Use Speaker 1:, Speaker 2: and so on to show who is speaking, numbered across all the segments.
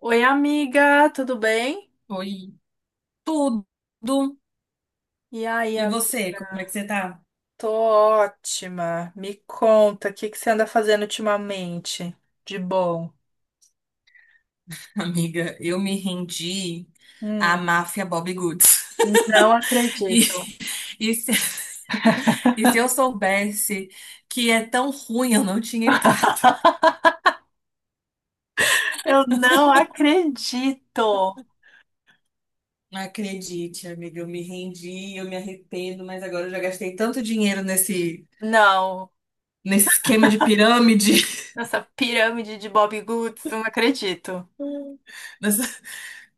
Speaker 1: Oi, amiga, tudo bem?
Speaker 2: Foi tudo.
Speaker 1: E aí,
Speaker 2: E
Speaker 1: amiga?
Speaker 2: você, como é que você tá?
Speaker 1: Tô ótima. Me conta, o que que você anda fazendo ultimamente? De bom.
Speaker 2: Amiga, eu me rendi à
Speaker 1: Hum,
Speaker 2: máfia Bobby Goods.
Speaker 1: não
Speaker 2: E,
Speaker 1: acredito.
Speaker 2: e se, E se eu soubesse que é tão ruim, eu não tinha entrado.
Speaker 1: Eu não acredito.
Speaker 2: Não acredite, amiga, eu me rendi, eu me arrependo, mas agora eu já gastei tanto dinheiro nesse,
Speaker 1: Não,
Speaker 2: nesse esquema de pirâmide.
Speaker 1: nessa pirâmide de Bob Goods, não acredito.
Speaker 2: nessa-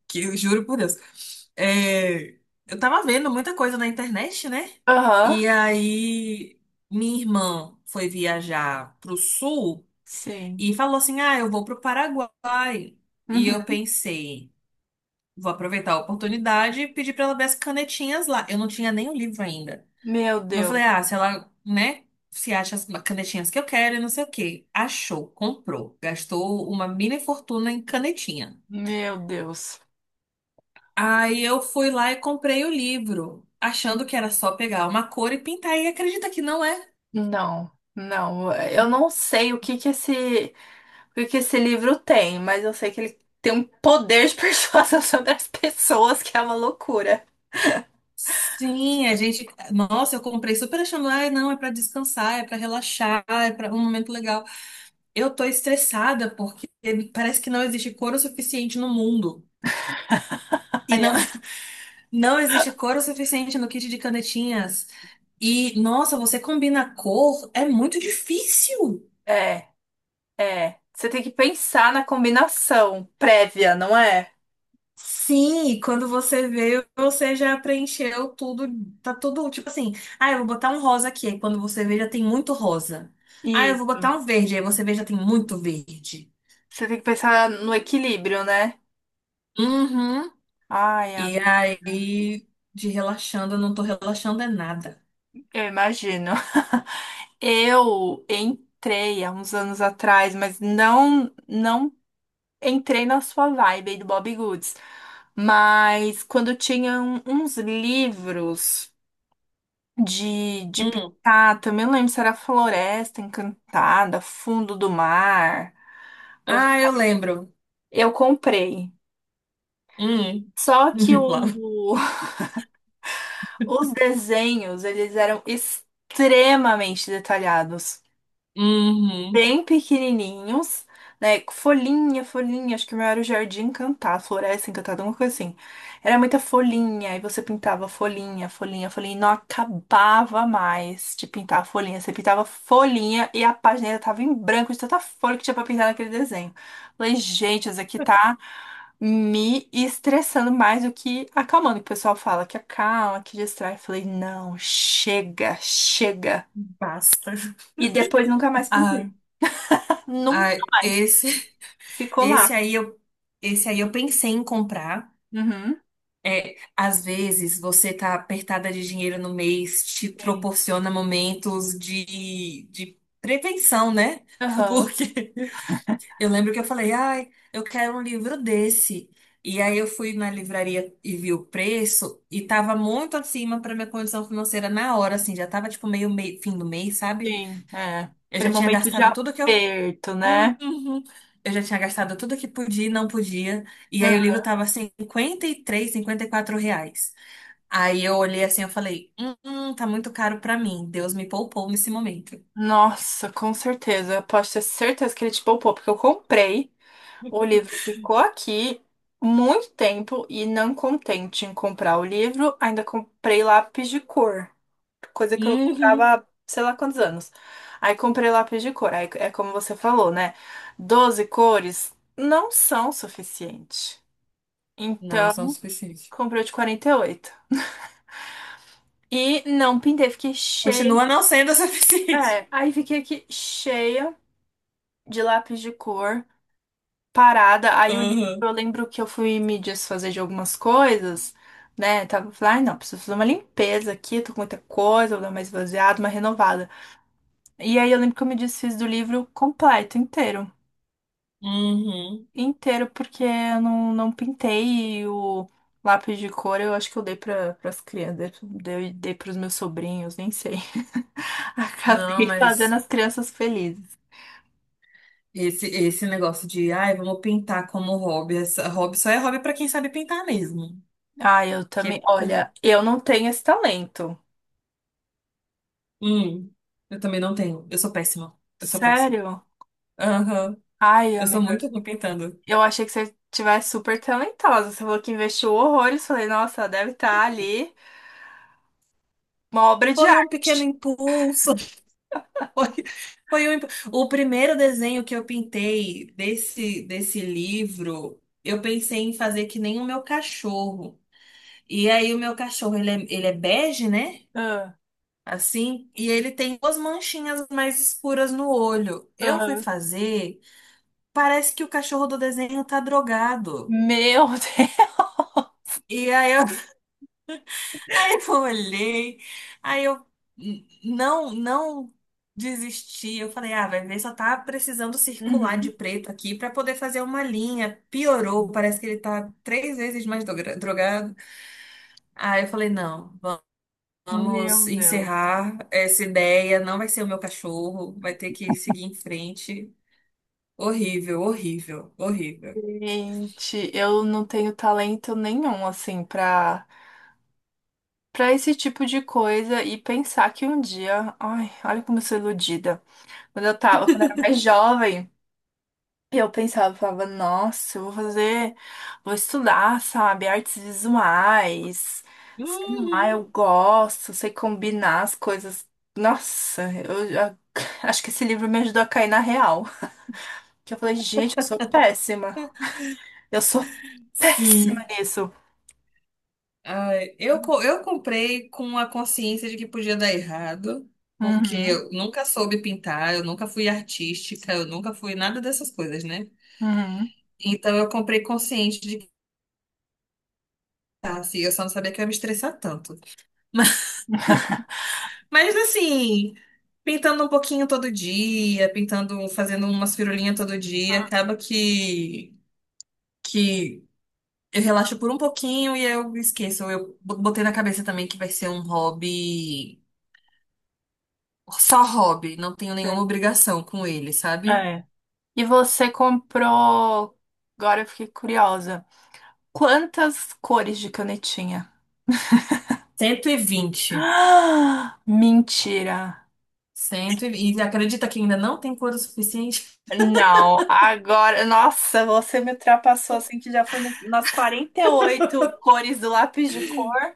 Speaker 2: que eu juro por Deus. É, eu tava vendo muita coisa na internet, né?
Speaker 1: Aham,
Speaker 2: E aí minha irmã foi viajar pro sul
Speaker 1: sim.
Speaker 2: e falou assim: ah, eu vou pro Paraguai. E eu
Speaker 1: Uhum.
Speaker 2: pensei, vou aproveitar a oportunidade e pedir pra ela ver as canetinhas lá. Eu não tinha nem o livro ainda.
Speaker 1: Meu
Speaker 2: Eu
Speaker 1: Deus,
Speaker 2: falei, ah, se ela, né? Se acha as canetinhas que eu quero e não sei o quê. Achou, comprou. Gastou uma mini fortuna em canetinha.
Speaker 1: meu Deus.
Speaker 2: Aí eu fui lá e comprei o livro, achando que era só pegar uma cor e pintar. E acredita que não é?
Speaker 1: Não, não. Eu não sei o que que esse. Porque esse livro tem, mas eu sei que ele tem um poder de persuasão sobre as pessoas que é uma loucura.
Speaker 2: Sim, a gente. Nossa, eu comprei super achando, ah, não, é pra descansar, é pra relaxar, é pra um momento legal. Eu tô estressada porque parece que não existe cor o suficiente no mundo. E
Speaker 1: Ai,
Speaker 2: não, não existe cor o suficiente no kit de canetinhas. E, nossa, você combina cor, é muito difícil.
Speaker 1: é, é. Você tem que pensar na combinação prévia, não é?
Speaker 2: Sim, e quando você vê, você já preencheu tudo, tá tudo tipo assim, ah, eu vou botar um rosa aqui, aí quando você vê já tem muito rosa.
Speaker 1: E
Speaker 2: Ah, eu vou botar um verde, aí você vê já tem muito verde.
Speaker 1: você tem que pensar no equilíbrio, né?
Speaker 2: Uhum.
Speaker 1: Ai,
Speaker 2: E
Speaker 1: am-
Speaker 2: aí, de relaxando, eu não tô relaxando é nada.
Speaker 1: eu imagino. Eu entrei há uns anos atrás, mas não entrei na sua vibe aí do Bobbie Goods. Mas quando tinham uns livros de
Speaker 2: Hum.
Speaker 1: pintar. Também não lembro se era Floresta Encantada, Fundo do Mar.
Speaker 2: Ah, eu lembro.
Speaker 1: Eu comprei.
Speaker 2: Hum.
Speaker 1: Só que
Speaker 2: Lá.
Speaker 1: o- os desenhos, eles eram extremamente detalhados,
Speaker 2: Uhum.
Speaker 1: bem pequenininhos, né? Com folhinha, folhinha, acho que o meu era o Jardim Encantado, Floresta Encantada, alguma coisa assim. Era muita folhinha, e você pintava folhinha, folhinha, folhinha, e não acabava mais de pintar a folhinha. Você pintava folhinha e a página ainda tava em branco de tanta folha que tinha pra pintar naquele desenho. Falei, gente, isso aqui tá me estressando mais do que acalmando. O pessoal fala que acalma, que distrai. Eu falei, não, chega, chega.
Speaker 2: Basta.
Speaker 1: E depois nunca mais
Speaker 2: Ah,
Speaker 1: pintei.
Speaker 2: ah,
Speaker 1: Nunca mais.
Speaker 2: esse,
Speaker 1: Ficou
Speaker 2: esse
Speaker 1: lá.
Speaker 2: aí eu, esse aí eu pensei em comprar.
Speaker 1: Uhum.
Speaker 2: É, às vezes você tá apertada de dinheiro no mês, te
Speaker 1: Sim,
Speaker 2: proporciona momentos de prevenção, né?
Speaker 1: aham,
Speaker 2: Porque eu lembro que eu falei, ai, eu quero um livro desse. E aí eu fui na livraria e vi o preço e tava muito acima para minha condição financeira na hora, assim, já tava tipo meio, fim do mês, sabe?
Speaker 1: sim, é.
Speaker 2: Eu
Speaker 1: Aquele
Speaker 2: já tinha
Speaker 1: momento de
Speaker 2: gastado tudo que eu.
Speaker 1: aperto, né?
Speaker 2: Uhum. Eu já tinha gastado tudo que podia e não podia. E aí o livro
Speaker 1: Aham.
Speaker 2: tava 53 R$ 54. Aí eu olhei assim, eu falei, tá muito caro pra mim. Deus me poupou nesse momento.
Speaker 1: Nossa, com certeza. Eu posso ter certeza que ele te poupou, porque eu comprei, o livro ficou aqui muito tempo e, não contente em comprar o livro, ainda comprei lápis de cor, coisa que eu não
Speaker 2: Uhum.
Speaker 1: comprava há sei lá quantos anos. Aí comprei lápis de cor, aí é como você falou, né? 12 cores não são suficientes.
Speaker 2: Não,
Speaker 1: Então,
Speaker 2: são suficientes.
Speaker 1: comprei o de 48. E oito. E não pintei, fiquei cheia.
Speaker 2: Continua não sendo o suficiente.
Speaker 1: É, aí fiquei aqui cheia de lápis de cor, parada. Aí o livro,
Speaker 2: Uhum.
Speaker 1: eu lembro que eu fui me desfazer de algumas coisas, né? Tava falando, ai não, preciso fazer uma limpeza aqui, tô com muita coisa, vou dar uma esvaziada, uma renovada. E aí eu lembro que eu me desfiz do livro completo, inteiro.
Speaker 2: Uhum.
Speaker 1: Inteiro, porque eu não, não pintei e o lápis de cor eu acho que eu dei para as crianças, dei pros meus sobrinhos, nem sei.
Speaker 2: Não,
Speaker 1: Acabei fazendo
Speaker 2: mas
Speaker 1: as crianças felizes.
Speaker 2: esse negócio de, ai, vamos pintar como hobby. Hobby só é hobby pra quem sabe pintar mesmo.
Speaker 1: Ai, eu
Speaker 2: Que
Speaker 1: também.
Speaker 2: pra-
Speaker 1: Olha, eu não tenho esse talento.
Speaker 2: hum, eu também não tenho. Eu sou péssima. Eu sou péssima.
Speaker 1: Sério?
Speaker 2: Aham.
Speaker 1: Ai,
Speaker 2: Eu sou
Speaker 1: amiga,
Speaker 2: muito ruim pintando.
Speaker 1: eu achei que você tivesse super talentosa. Você falou que investiu horrores. Falei, nossa, ela deve estar ali uma obra de
Speaker 2: Foi um pequeno
Speaker 1: arte.
Speaker 2: impulso. Foi, foi o primeiro desenho que eu pintei desse livro. Eu pensei em fazer que nem o meu cachorro. E aí, o meu cachorro, ele é bege, né?
Speaker 1: Ah,
Speaker 2: Assim, e ele tem duas manchinhas mais escuras no olho. Eu fui
Speaker 1: aham.
Speaker 2: fazer, parece que o cachorro do desenho tá drogado.
Speaker 1: Meu Deus!
Speaker 2: E aí, eu Aí eu olhei, aí eu não, não desisti. Eu falei, ah, vai ver, só tá precisando circular de
Speaker 1: Uhum,
Speaker 2: preto aqui pra poder fazer uma linha. Piorou,
Speaker 1: sim.
Speaker 2: parece que ele tá três vezes mais drogado. Aí eu falei, não, vamos
Speaker 1: Meu Deus.
Speaker 2: encerrar essa ideia, não vai ser o meu cachorro, vai ter que seguir em frente. Horrível, horrível, horrível.
Speaker 1: Gente, eu não tenho talento nenhum, assim, pra, pra esse tipo de coisa, e pensar que um dia, ai, olha como eu sou iludida. Quando eu tava, quando eu era mais jovem, eu pensava, eu falava, nossa, eu vou fazer, vou estudar, sabe, artes visuais, sei lá, eu
Speaker 2: Uhum.
Speaker 1: gosto, sei combinar as coisas. Nossa, acho que esse livro me ajudou a cair na real. Que eu falei, gente, eu sou péssima. Eu sou péssima
Speaker 2: Sim.
Speaker 1: nisso.
Speaker 2: Ai, eu comprei com a consciência de que podia dar errado, porque
Speaker 1: Uhum,
Speaker 2: eu nunca soube pintar, eu nunca fui artística, eu nunca fui nada dessas coisas, né?
Speaker 1: uhum.
Speaker 2: Então eu comprei consciente de que tá, assim, eu só não sabia que eu ia me estressar tanto. Mas, mas assim, pintando um pouquinho todo dia, pintando, fazendo umas firulinhas todo dia, acaba que eu relaxo por um pouquinho e eu esqueço. Eu botei na cabeça também que vai ser um hobby. Só hobby, não tenho nenhuma obrigação com ele, sabe?
Speaker 1: É. E você comprou. Agora eu fiquei curiosa. Quantas cores de canetinha?
Speaker 2: 120.
Speaker 1: Ah, mentira!
Speaker 2: Cento e vinte. E acredita que ainda não tem couro suficiente?
Speaker 1: Não, agora. Nossa, você me ultrapassou assim que já foi nas 48 cores do lápis de cor.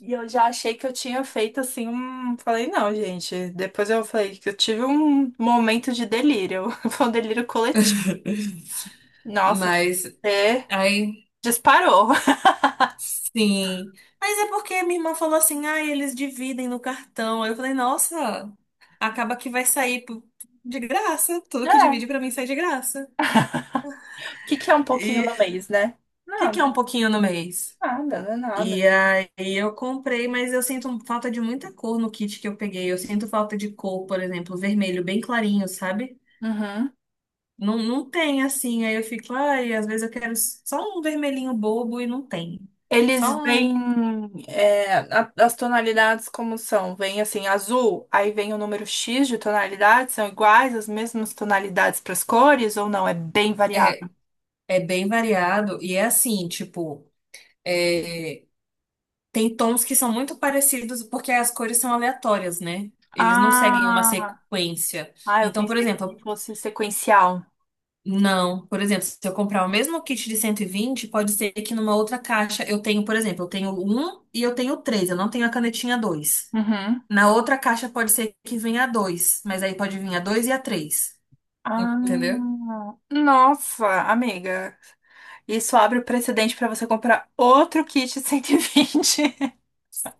Speaker 1: E eu já achei que eu tinha feito assim um. Falei, não, gente. Depois eu falei que eu tive um momento de delírio. Foi um delírio coletivo. Nossa,
Speaker 2: Mas
Speaker 1: você
Speaker 2: aí
Speaker 1: disparou.
Speaker 2: sim. Mas é porque minha irmã falou assim: ah, eles dividem no cartão. Aí eu falei, nossa, acaba que vai sair de graça. Tudo que
Speaker 1: É.
Speaker 2: divide pra mim sai de graça.
Speaker 1: O que que é um pouquinho
Speaker 2: E o
Speaker 1: no mês, né?
Speaker 2: que
Speaker 1: Não.
Speaker 2: que é um pouquinho no mês?
Speaker 1: Nada, não é
Speaker 2: E
Speaker 1: nada.
Speaker 2: aí eu comprei, mas eu sinto falta de muita cor no kit que eu peguei. Eu sinto falta de cor, por exemplo, vermelho bem clarinho, sabe?
Speaker 1: Uhum.
Speaker 2: Não, não tem assim. Aí eu fico, ai, às vezes eu quero só um vermelhinho bobo e não tem. Só
Speaker 1: Eles vêm
Speaker 2: um.
Speaker 1: é, as tonalidades, como são? Vem assim, azul, aí vem o número X de tonalidades, são iguais, as mesmas tonalidades para as cores, ou não? É bem variado.
Speaker 2: É, é bem variado e é assim, tipo, é, tem tons que são muito parecidos porque as cores são aleatórias, né? Eles não seguem uma
Speaker 1: Ah,
Speaker 2: sequência.
Speaker 1: ah, eu
Speaker 2: Então, por
Speaker 1: pensei que
Speaker 2: exemplo,
Speaker 1: fosse sequencial.
Speaker 2: não, por exemplo, se eu comprar o mesmo kit de 120, pode ser que numa outra caixa eu tenho, por exemplo, eu tenho um e eu tenho três, eu não tenho a canetinha dois.
Speaker 1: Uhum.
Speaker 2: Na outra caixa pode ser que venha a dois, mas aí pode vir a dois e a três. Entendeu?
Speaker 1: Ah, nossa, amiga. Isso abre o precedente para você comprar outro kit 120.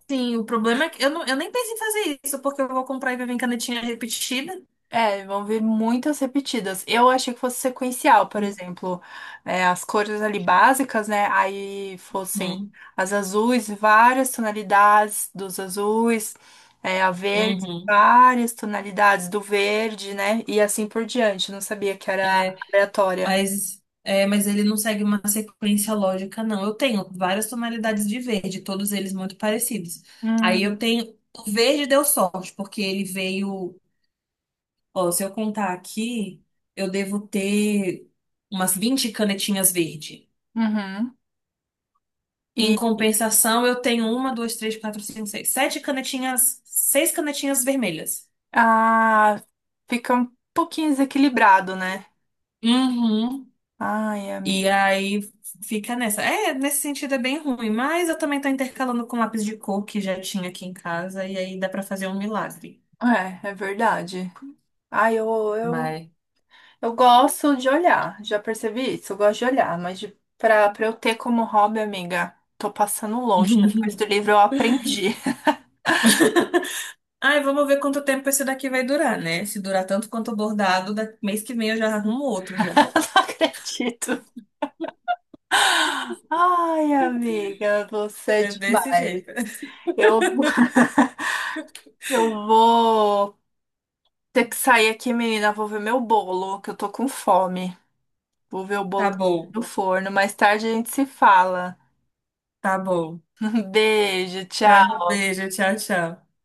Speaker 2: Sim, o problema é que eu, não, eu nem penso em fazer isso, porque eu vou comprar e vai vir canetinha repetida.
Speaker 1: É, vão vir muitas repetidas. Eu achei que fosse sequencial, por exemplo, é, as cores ali básicas, né? Aí fossem
Speaker 2: Uhum.
Speaker 1: as azuis, várias tonalidades dos azuis, é, a verde,
Speaker 2: Uhum.
Speaker 1: várias tonalidades do verde, né? E assim por diante. Não sabia que era aleatória.
Speaker 2: Mas ele não segue uma sequência lógica, não. Eu tenho várias tonalidades de verde, todos eles muito parecidos. Aí eu
Speaker 1: Hum,
Speaker 2: tenho. O verde deu sorte, porque ele veio. Ó, se eu contar aqui, eu devo ter umas 20 canetinhas verde.
Speaker 1: uhum.
Speaker 2: Em
Speaker 1: E
Speaker 2: compensação, eu tenho uma, duas, três, quatro, cinco, seis, sete canetinhas, seis canetinhas vermelhas.
Speaker 1: ah, fica um pouquinho desequilibrado, né?
Speaker 2: Uhum.
Speaker 1: Ai,
Speaker 2: E
Speaker 1: amigo.
Speaker 2: aí fica nessa. É, nesse sentido é bem ruim, mas eu também tô intercalando com lápis de cor que já tinha aqui em casa e aí dá pra fazer um milagre.
Speaker 1: É, é verdade. Ai, eu, eu
Speaker 2: Mas.
Speaker 1: Eu gosto de olhar, já percebi isso, eu gosto de olhar, mas de, pra eu ter como hobby, amiga, tô passando longe. Depois do livro eu aprendi,
Speaker 2: Ai, vamos ver quanto tempo esse daqui vai durar, né? Se durar tanto quanto o bordado, mês que vem eu já arrumo outro já.
Speaker 1: eu não acredito. Ai, amiga, você é
Speaker 2: É desse
Speaker 1: demais.
Speaker 2: jeito.
Speaker 1: Eu, eu vou ter que sair aqui, menina, vou ver meu bolo, que eu tô com fome. Vou ver o
Speaker 2: Tá
Speaker 1: bolo que tá
Speaker 2: bom,
Speaker 1: no forno, mais tarde a gente se fala.
Speaker 2: tá bom.
Speaker 1: Um beijo,
Speaker 2: Tá,
Speaker 1: tchau.
Speaker 2: beijo, tchau, tchau.